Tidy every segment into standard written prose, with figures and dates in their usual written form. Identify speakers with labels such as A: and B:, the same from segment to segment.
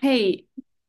A: 嘿，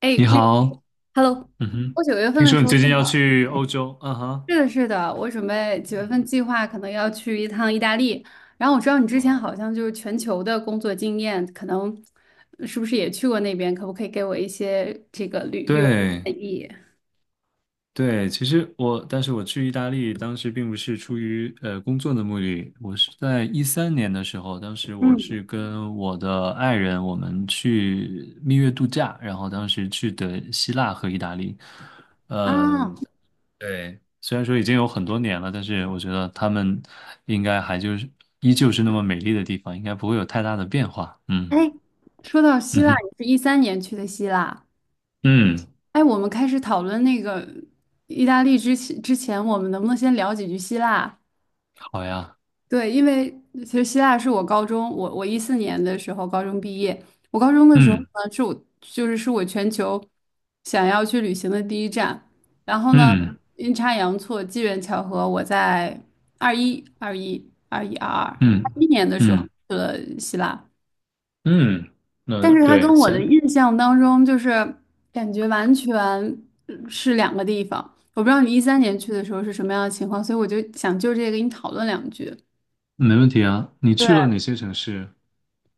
A: 哎，
B: 你
A: 那
B: 好，
A: Hello，
B: 嗯哼，
A: 我九月份
B: 听
A: 的
B: 说
A: 时
B: 你
A: 候
B: 最近
A: 正
B: 要
A: 好，
B: 去欧洲，嗯哼，
A: 是的，是的，我准备九月
B: 嗯，
A: 份计划可能要去一趟意大利。然后我知道你之
B: 哇
A: 前
B: 哦
A: 好像就是全球的工作经验，可能是不是也去过那边？可不可以给我一些这个旅游的
B: 对
A: 建议？
B: 对，其实我，但是我去意大利当时并不是出于工作的目的，我是在一三年的时候，当时我
A: 嗯，
B: 是跟我的爱人我们去蜜月度假，然后当时去的希腊和意大利，
A: 啊，
B: 嗯、对，虽然说已经有很多年了，但是我觉得他们应该还就是依旧是那么美丽的地方，应该不会有太大的变化，嗯。
A: 哎，说到希
B: 嗯
A: 腊，
B: 哼，
A: 你是一三年去的希腊。
B: 嗯，
A: 哎，我们开始讨论那个意大利之前，我们能不能先聊几句希腊？
B: 好呀，
A: 对，因为其实希腊是我高中，我14年的时候高中毕业。我高中的时候
B: 嗯
A: 呢，是我就是是我全球想要去旅行的第一站。然后呢，
B: 嗯
A: 阴差阳错，机缘巧合，我在二一、二一、二一、二二、二
B: 嗯
A: 一年的时候
B: 嗯
A: 去了希腊，
B: 嗯，那
A: 但是他跟
B: 对，
A: 我的
B: 行，
A: 印象当中就是感觉完全是两个地方。我不知道你一三年去的时候是什么样的情况，所以我就想就这个跟你讨论两句。
B: 没问题啊。你去了
A: 对。
B: 哪些城市？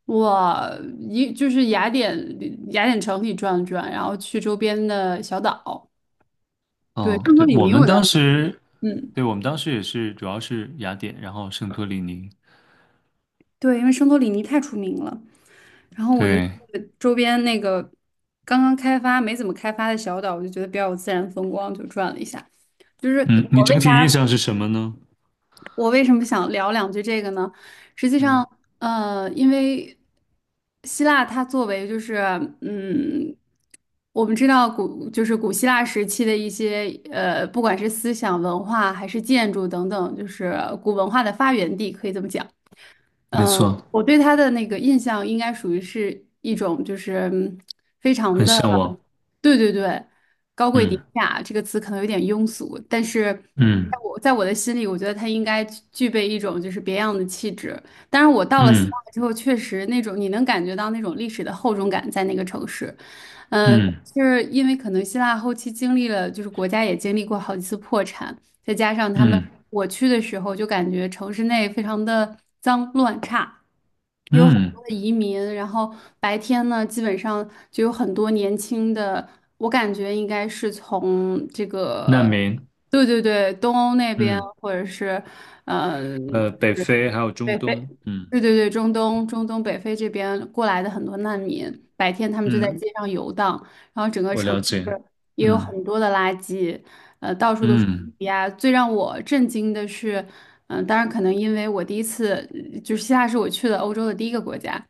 A: 我一就是雅典城里转了转，然后去周边的小岛。对，
B: 嗯，
A: 圣托
B: 对，
A: 里
B: 我
A: 尼我
B: 们
A: 倒，
B: 当时，
A: 嗯，
B: 对，我们当时也是，主要是雅典，然后圣托里尼。
A: 对，因为圣托里尼太出名了。然后我就
B: 对，
A: 去周边那个刚刚开发没怎么开发的小岛，我就觉得比较有自然风光，就转了一下。就是
B: 嗯，你
A: 我为
B: 整
A: 啥？
B: 体印象是什么呢？
A: 我为什么想聊两句这个呢？实际
B: 嗯，
A: 上，因为希腊它作为就是，嗯，我们知道古就是古希腊时期的一些不管是思想文化还是建筑等等，就是古文化的发源地，可以这么讲。
B: 没错，
A: 我对他的那个印象应该属于是一种，就是非常
B: 很
A: 的，
B: 向往。
A: 对对对，高贵典
B: 嗯
A: 雅这个词可能有点庸俗，但是
B: 嗯
A: 在我的心里，我觉得他应该具备一种就是别样的气质。但是我到了希
B: 嗯
A: 腊之后，确实那种你能感觉到那种历史的厚重感在那个城市，嗯，
B: 嗯
A: 就是因为可能希腊后期经历了，就是国家也经历过好几次破产，再加上他们
B: 嗯
A: 我去的时候就感觉城市内非常的脏乱差，有很
B: 嗯，
A: 多的移民。然后白天呢，基本上就有很多年轻的，我感觉应该是从这
B: 难
A: 个，
B: 民。
A: 对对对，东欧那边，
B: 嗯，
A: 或者是，嗯，
B: 北
A: 就是
B: 非还有中
A: 北非，
B: 东。嗯
A: 对对对，中东北非这边过来的很多难民，白天他们就在
B: 嗯，
A: 街上游荡，然后整个
B: 我
A: 城
B: 了解。
A: 市也有
B: 嗯。
A: 很多的垃圾，到处都是
B: 嗯，
A: 呀。最让我震惊的是，当然可能因为我第一次。就是希腊是我去的欧洲的第一个国家。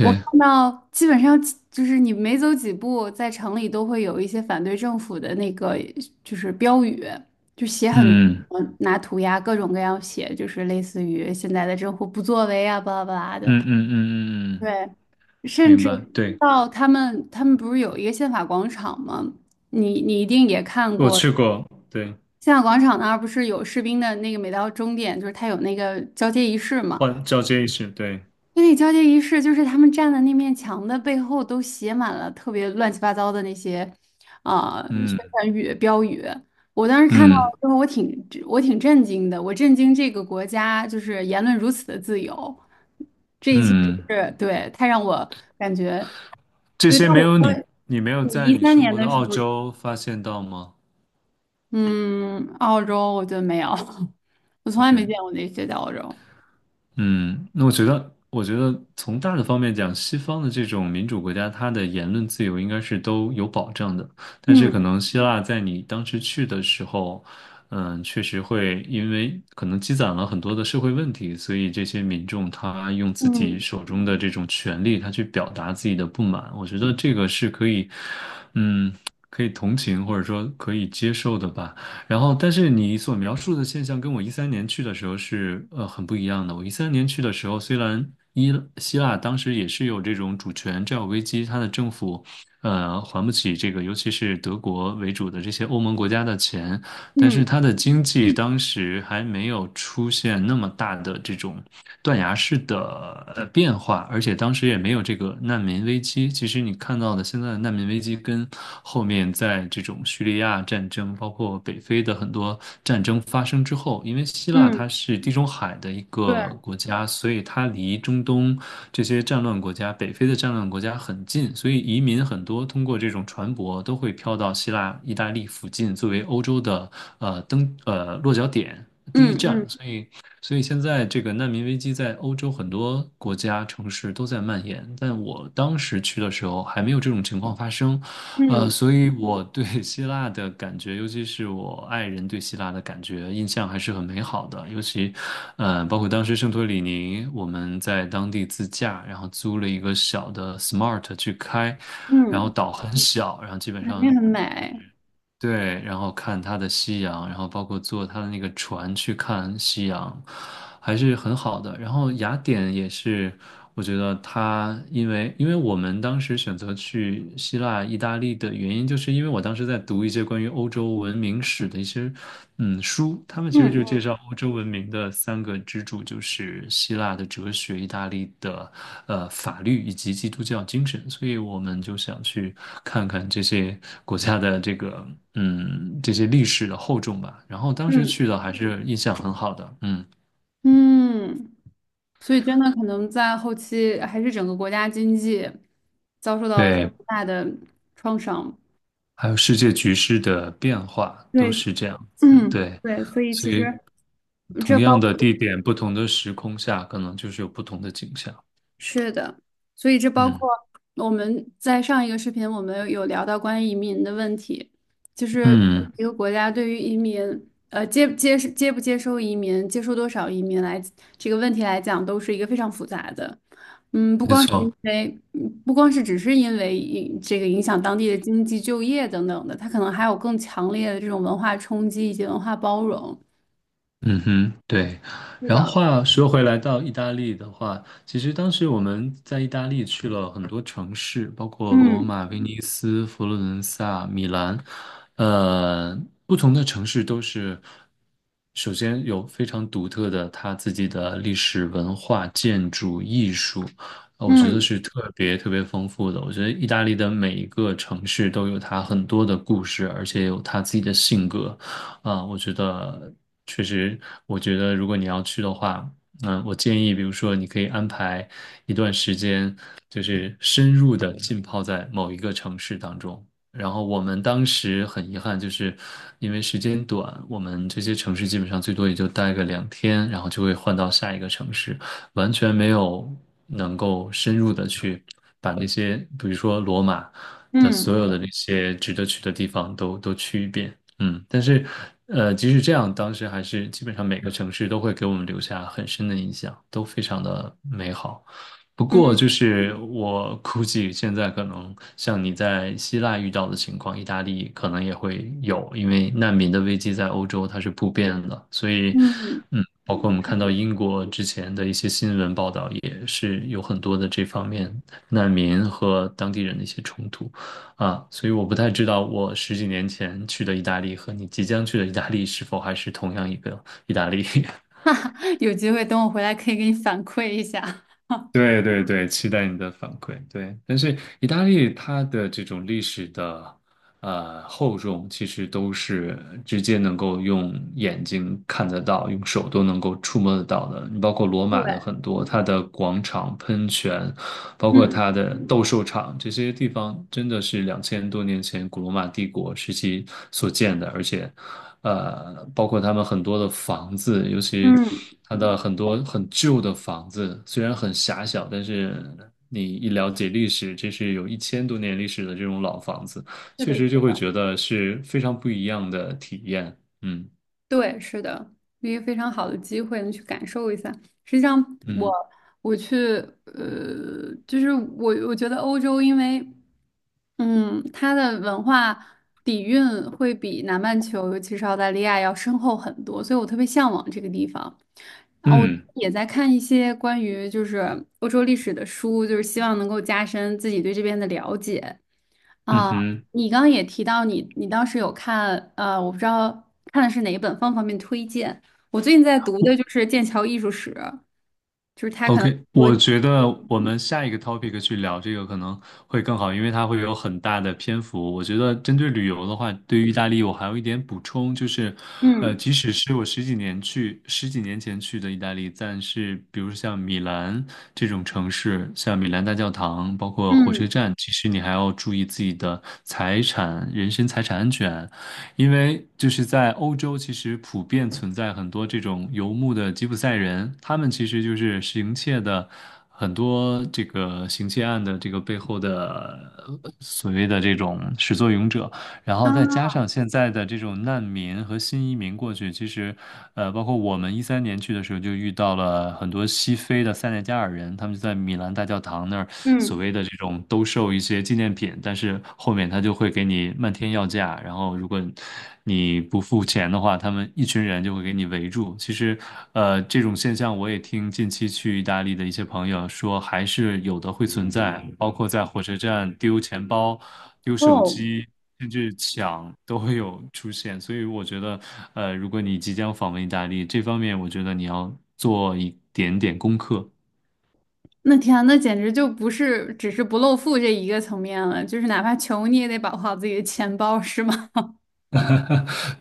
A: 我看到基本上就是你每走几步，在城里都会有一些反对政府的那个就是标语，就写很多，
B: 嗯
A: 拿涂鸦各种各样写，就是类似于现在的政府不作为啊，巴拉巴拉的。
B: 嗯嗯嗯嗯嗯，
A: 对，甚
B: 明
A: 至
B: 白。对，
A: 到他们不是有一个宪法广场吗？你一定也看
B: 我
A: 过。
B: 去过，对，
A: 宪法广场那儿不是有士兵的那个，每到终点就是他有那个交接仪式嘛，
B: 换交接仪式，对，
A: 婚礼交接仪式就是他们站的那面墙的背后都写满了特别乱七八糟的那些，啊、宣
B: 嗯
A: 传语标语。我当时看到
B: 嗯
A: 之后，我挺震惊的，我震惊这个国家就是言论如此的自由，这一切真
B: 嗯，
A: 是，对，太让我感觉，
B: 这
A: 对。
B: 些
A: 但
B: 没
A: 我
B: 有
A: 说
B: 你，没有
A: 你
B: 在
A: 一
B: 你
A: 三
B: 生
A: 年
B: 活的
A: 的时
B: 澳
A: 候，
B: 洲发现到吗
A: 嗯，澳洲我觉得没有，我从来没
B: ？OK，
A: 见过那些在澳洲。
B: 嗯，那我觉得从大的方面讲，西方的这种民主国家，它的言论自由应该是都有保障的。但是可
A: 嗯
B: 能希腊在你当时去的时候，确实会因为可能积攒了很多的社会问题，所以这些民众他用自己
A: 嗯
B: 手中的这种权利，他去表达自己的不满。我觉得这个是可以，嗯，可以同情或者说可以接受的吧。然后，但是你所描述的现象跟我一三年去的时候是很不一样的。我一三年去的时候，虽然伊希腊当时也是有这种主权债务危机，它的政府还不起这个，尤其是德国为主的这些欧盟国家的钱，但
A: 嗯
B: 是它的经济当时还没有出现那么大的这种。断崖式的变化，而且当时也没有这个难民危机。其实你看到的现在的难民危机，跟后面在这种叙利亚战争，包括北非的很多战争发生之后，因为希腊它
A: 嗯，
B: 是地中海的一
A: 对，
B: 个国家，所以它离中东这些战乱国家、北非的战乱国家很近，所以移民很多通过这种船舶都会飘到希腊、意大利附近，作为欧洲的呃登呃落脚点。第一
A: 嗯
B: 站，
A: 嗯
B: 所以现在这个难民危机在欧洲很多国家、城市都在蔓延，但我当时去的时候还没有这种情况发生，
A: 嗯
B: 所以我对 希腊的感觉，尤其是我爱人对希腊的感觉，印象还是很美好的。尤其，包括当时圣托里尼，我们在当地自驾，然后租了一个小的 Smart 去开，然后
A: 嗯。
B: 岛很小，然后基本
A: 肯定
B: 上
A: 很美，
B: 对，然后看它的夕阳，然后包括坐它的那个船去看夕阳，还是很好的。然后雅典也是，我觉得它因为我们当时选择去希腊、意大利的原因，就是因为我当时在读一些关于欧洲文明史的一些书，他们其实就
A: 嗯
B: 介绍欧洲文明的3个支柱，就是希腊的哲学、意大利的法律以及基督教精神，所以我们就想去。看看这些国家的这个 这些历史的厚重吧。然后当时
A: 嗯
B: 去的还是印象很好的，嗯，
A: 嗯，所以真的可能在后期还是整个国家经济遭受到了非
B: 对，
A: 常大的创伤。
B: 还有世界局势的变化都
A: 对，
B: 是这样子，
A: 嗯，
B: 对，
A: 对，所以
B: 所
A: 其实
B: 以同
A: 这包。
B: 样的地点，不同的时空下，可能就是有不同的景象。
A: 是的，所以这包
B: 嗯
A: 括我们在上一个视频，我们有聊到关于移民的问题，就是
B: 嗯，
A: 一个国家对于移民，接接接不接收移民，接收多少移民来这个问题来讲，都是一个非常复杂的。不
B: 没
A: 光是因
B: 错。
A: 为，不光是只是因为影这个影响当地的经济、就业等等的，它可能还有更强烈的这种文化冲击以及文化包容。
B: 嗯哼，对。
A: 是
B: 然后
A: 的，
B: 话说回来，到意大利的话，其实当时我们在意大利去了很多城市，包括罗
A: 嗯
B: 马、威尼斯、佛罗伦萨、米兰，呃，不同的城市都是首先有非常独特的它自己的历史文化、建筑、艺术，我觉得
A: 嗯
B: 是特别特别丰富的。我觉得意大利的每一个城市都有它很多的故事，而且有它自己的性格。啊，我觉得确实，我觉得如果你要去的话，嗯，我建议，比如说你可以安排一段时间，就是深入的浸泡在某一个城市当中。然后我们当时很遗憾，就是因为时间短，我们这些城市基本上最多也就待个2天，然后就会换到下一个城市，完全没有能够深入的去把那些，比如说罗马的
A: 嗯
B: 所有的那些值得去的地方都去一遍。嗯，但是，即使这样，当时还是基本上每个城市都会给我们留下很深的印象，都非常的美好。不过，
A: 嗯
B: 就是我估计现在可能像你在希腊遇到的情况，意大利可能也会有，因为难民的危机在欧洲它是普遍的，所以，
A: 嗯。嗯
B: 包括我们看到英国之前的一些新闻报道，也是有很多的这方面难民和当地人的一些冲突。啊，所以我不太知道我十几年前去的意大利和你即将去的意大利是否还是同样一个意大利。
A: 有机会等我回来可以给你反馈一下。
B: 对对对，期待你的反馈。对，但是意大利它的这种历史的厚重，其实都是直接能够用眼睛看得到，用手都能够触摸得到的。你包括罗马
A: 对，
B: 的很多，它的广场、喷泉，包括
A: 嗯，
B: 它的斗兽场，这些地方真的是2000多年前古罗马帝国时期所建的，而且包括他们很多的房子，尤其
A: 嗯，
B: 它的很多很旧的房子，虽然很狭小，但是你一了解历史，这是有1000多年历史的这种老房子，
A: 是
B: 确
A: 的，
B: 实
A: 是
B: 就会
A: 的，
B: 觉得是非常不一样的体验。嗯
A: 对，是的，一个非常好的机会，能去感受一下。实际上，我，
B: 嗯
A: 我去，呃，就是我，我觉得欧洲，因为它的文化底蕴会比南半球，尤其是澳大利亚要深厚很多，所以我特别向往这个地方。然后我
B: 嗯
A: 也在看一些关于就是欧洲历史的书，就是希望能够加深自己对这边的了解。
B: 嗯
A: 啊，
B: 哼。
A: 你刚刚也提到你当时有看，我不知道看的是哪一本，方不方便推荐？我最近在读的就是《剑桥艺术史》，就是它可能，
B: OK，我觉得我们下一个 topic 去聊这个可能会更好，因为它会有很大的篇幅。我觉得针对旅游的话，对于意大利我还有一点补充，就是，
A: 嗯
B: 即使是我十几年前去的意大利，但是比如像米兰这种城市，像米兰大教堂，包括火车
A: 嗯
B: 站，其实你还要注意自己的财产、人身财产安全，因为就是在欧洲，其实普遍存在很多这种游牧的吉普赛人，他们其实就是行窃的很多这个行窃案的这个背后的所谓的这种始作俑者。然后再加
A: 啊
B: 上现在的这种难民和新移民过去，其实，包括我们一三年去的时候，就遇到了很多西非的塞内加尔人，他们就在米兰大教堂那儿所
A: 嗯
B: 谓的这种兜售一些纪念品，但是后面他就会给你漫天要价，然后如果你不付钱的话，他们一群人就会给你围住。其实，这种现象我也听近期去意大利的一些朋友说，还是有的会存在，包括在火车站丢钱包。丢手
A: 哦。
B: 机，甚至抢都会有出现。所以我觉得，如果你即将访问意大利，这方面我觉得你要做一点点功课。
A: 那天啊，那简直就不是只是不露富这一个层面了，就是哪怕穷你也得保护好自己的钱包，是吗？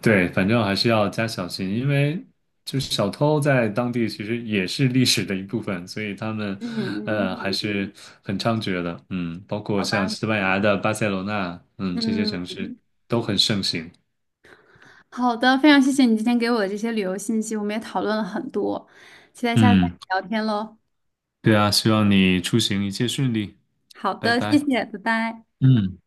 B: 对，反正还是要加小心，因为就是小偷在当地其实也是历史的一部分，所以他们，
A: 嗯嗯，
B: 还是很猖獗的。嗯，包括
A: 好
B: 像
A: 吧，
B: 西班牙的巴塞罗那，嗯，这些
A: 嗯
B: 城市都很盛行。
A: 好的，非常谢谢你今天给我的这些旅游信息，我们也讨论了很多，期待下次再
B: 嗯，
A: 聊天喽。
B: 对啊，希望你出行一切顺利，
A: 好
B: 拜
A: 的，谢
B: 拜。
A: 谢，拜拜。
B: 嗯。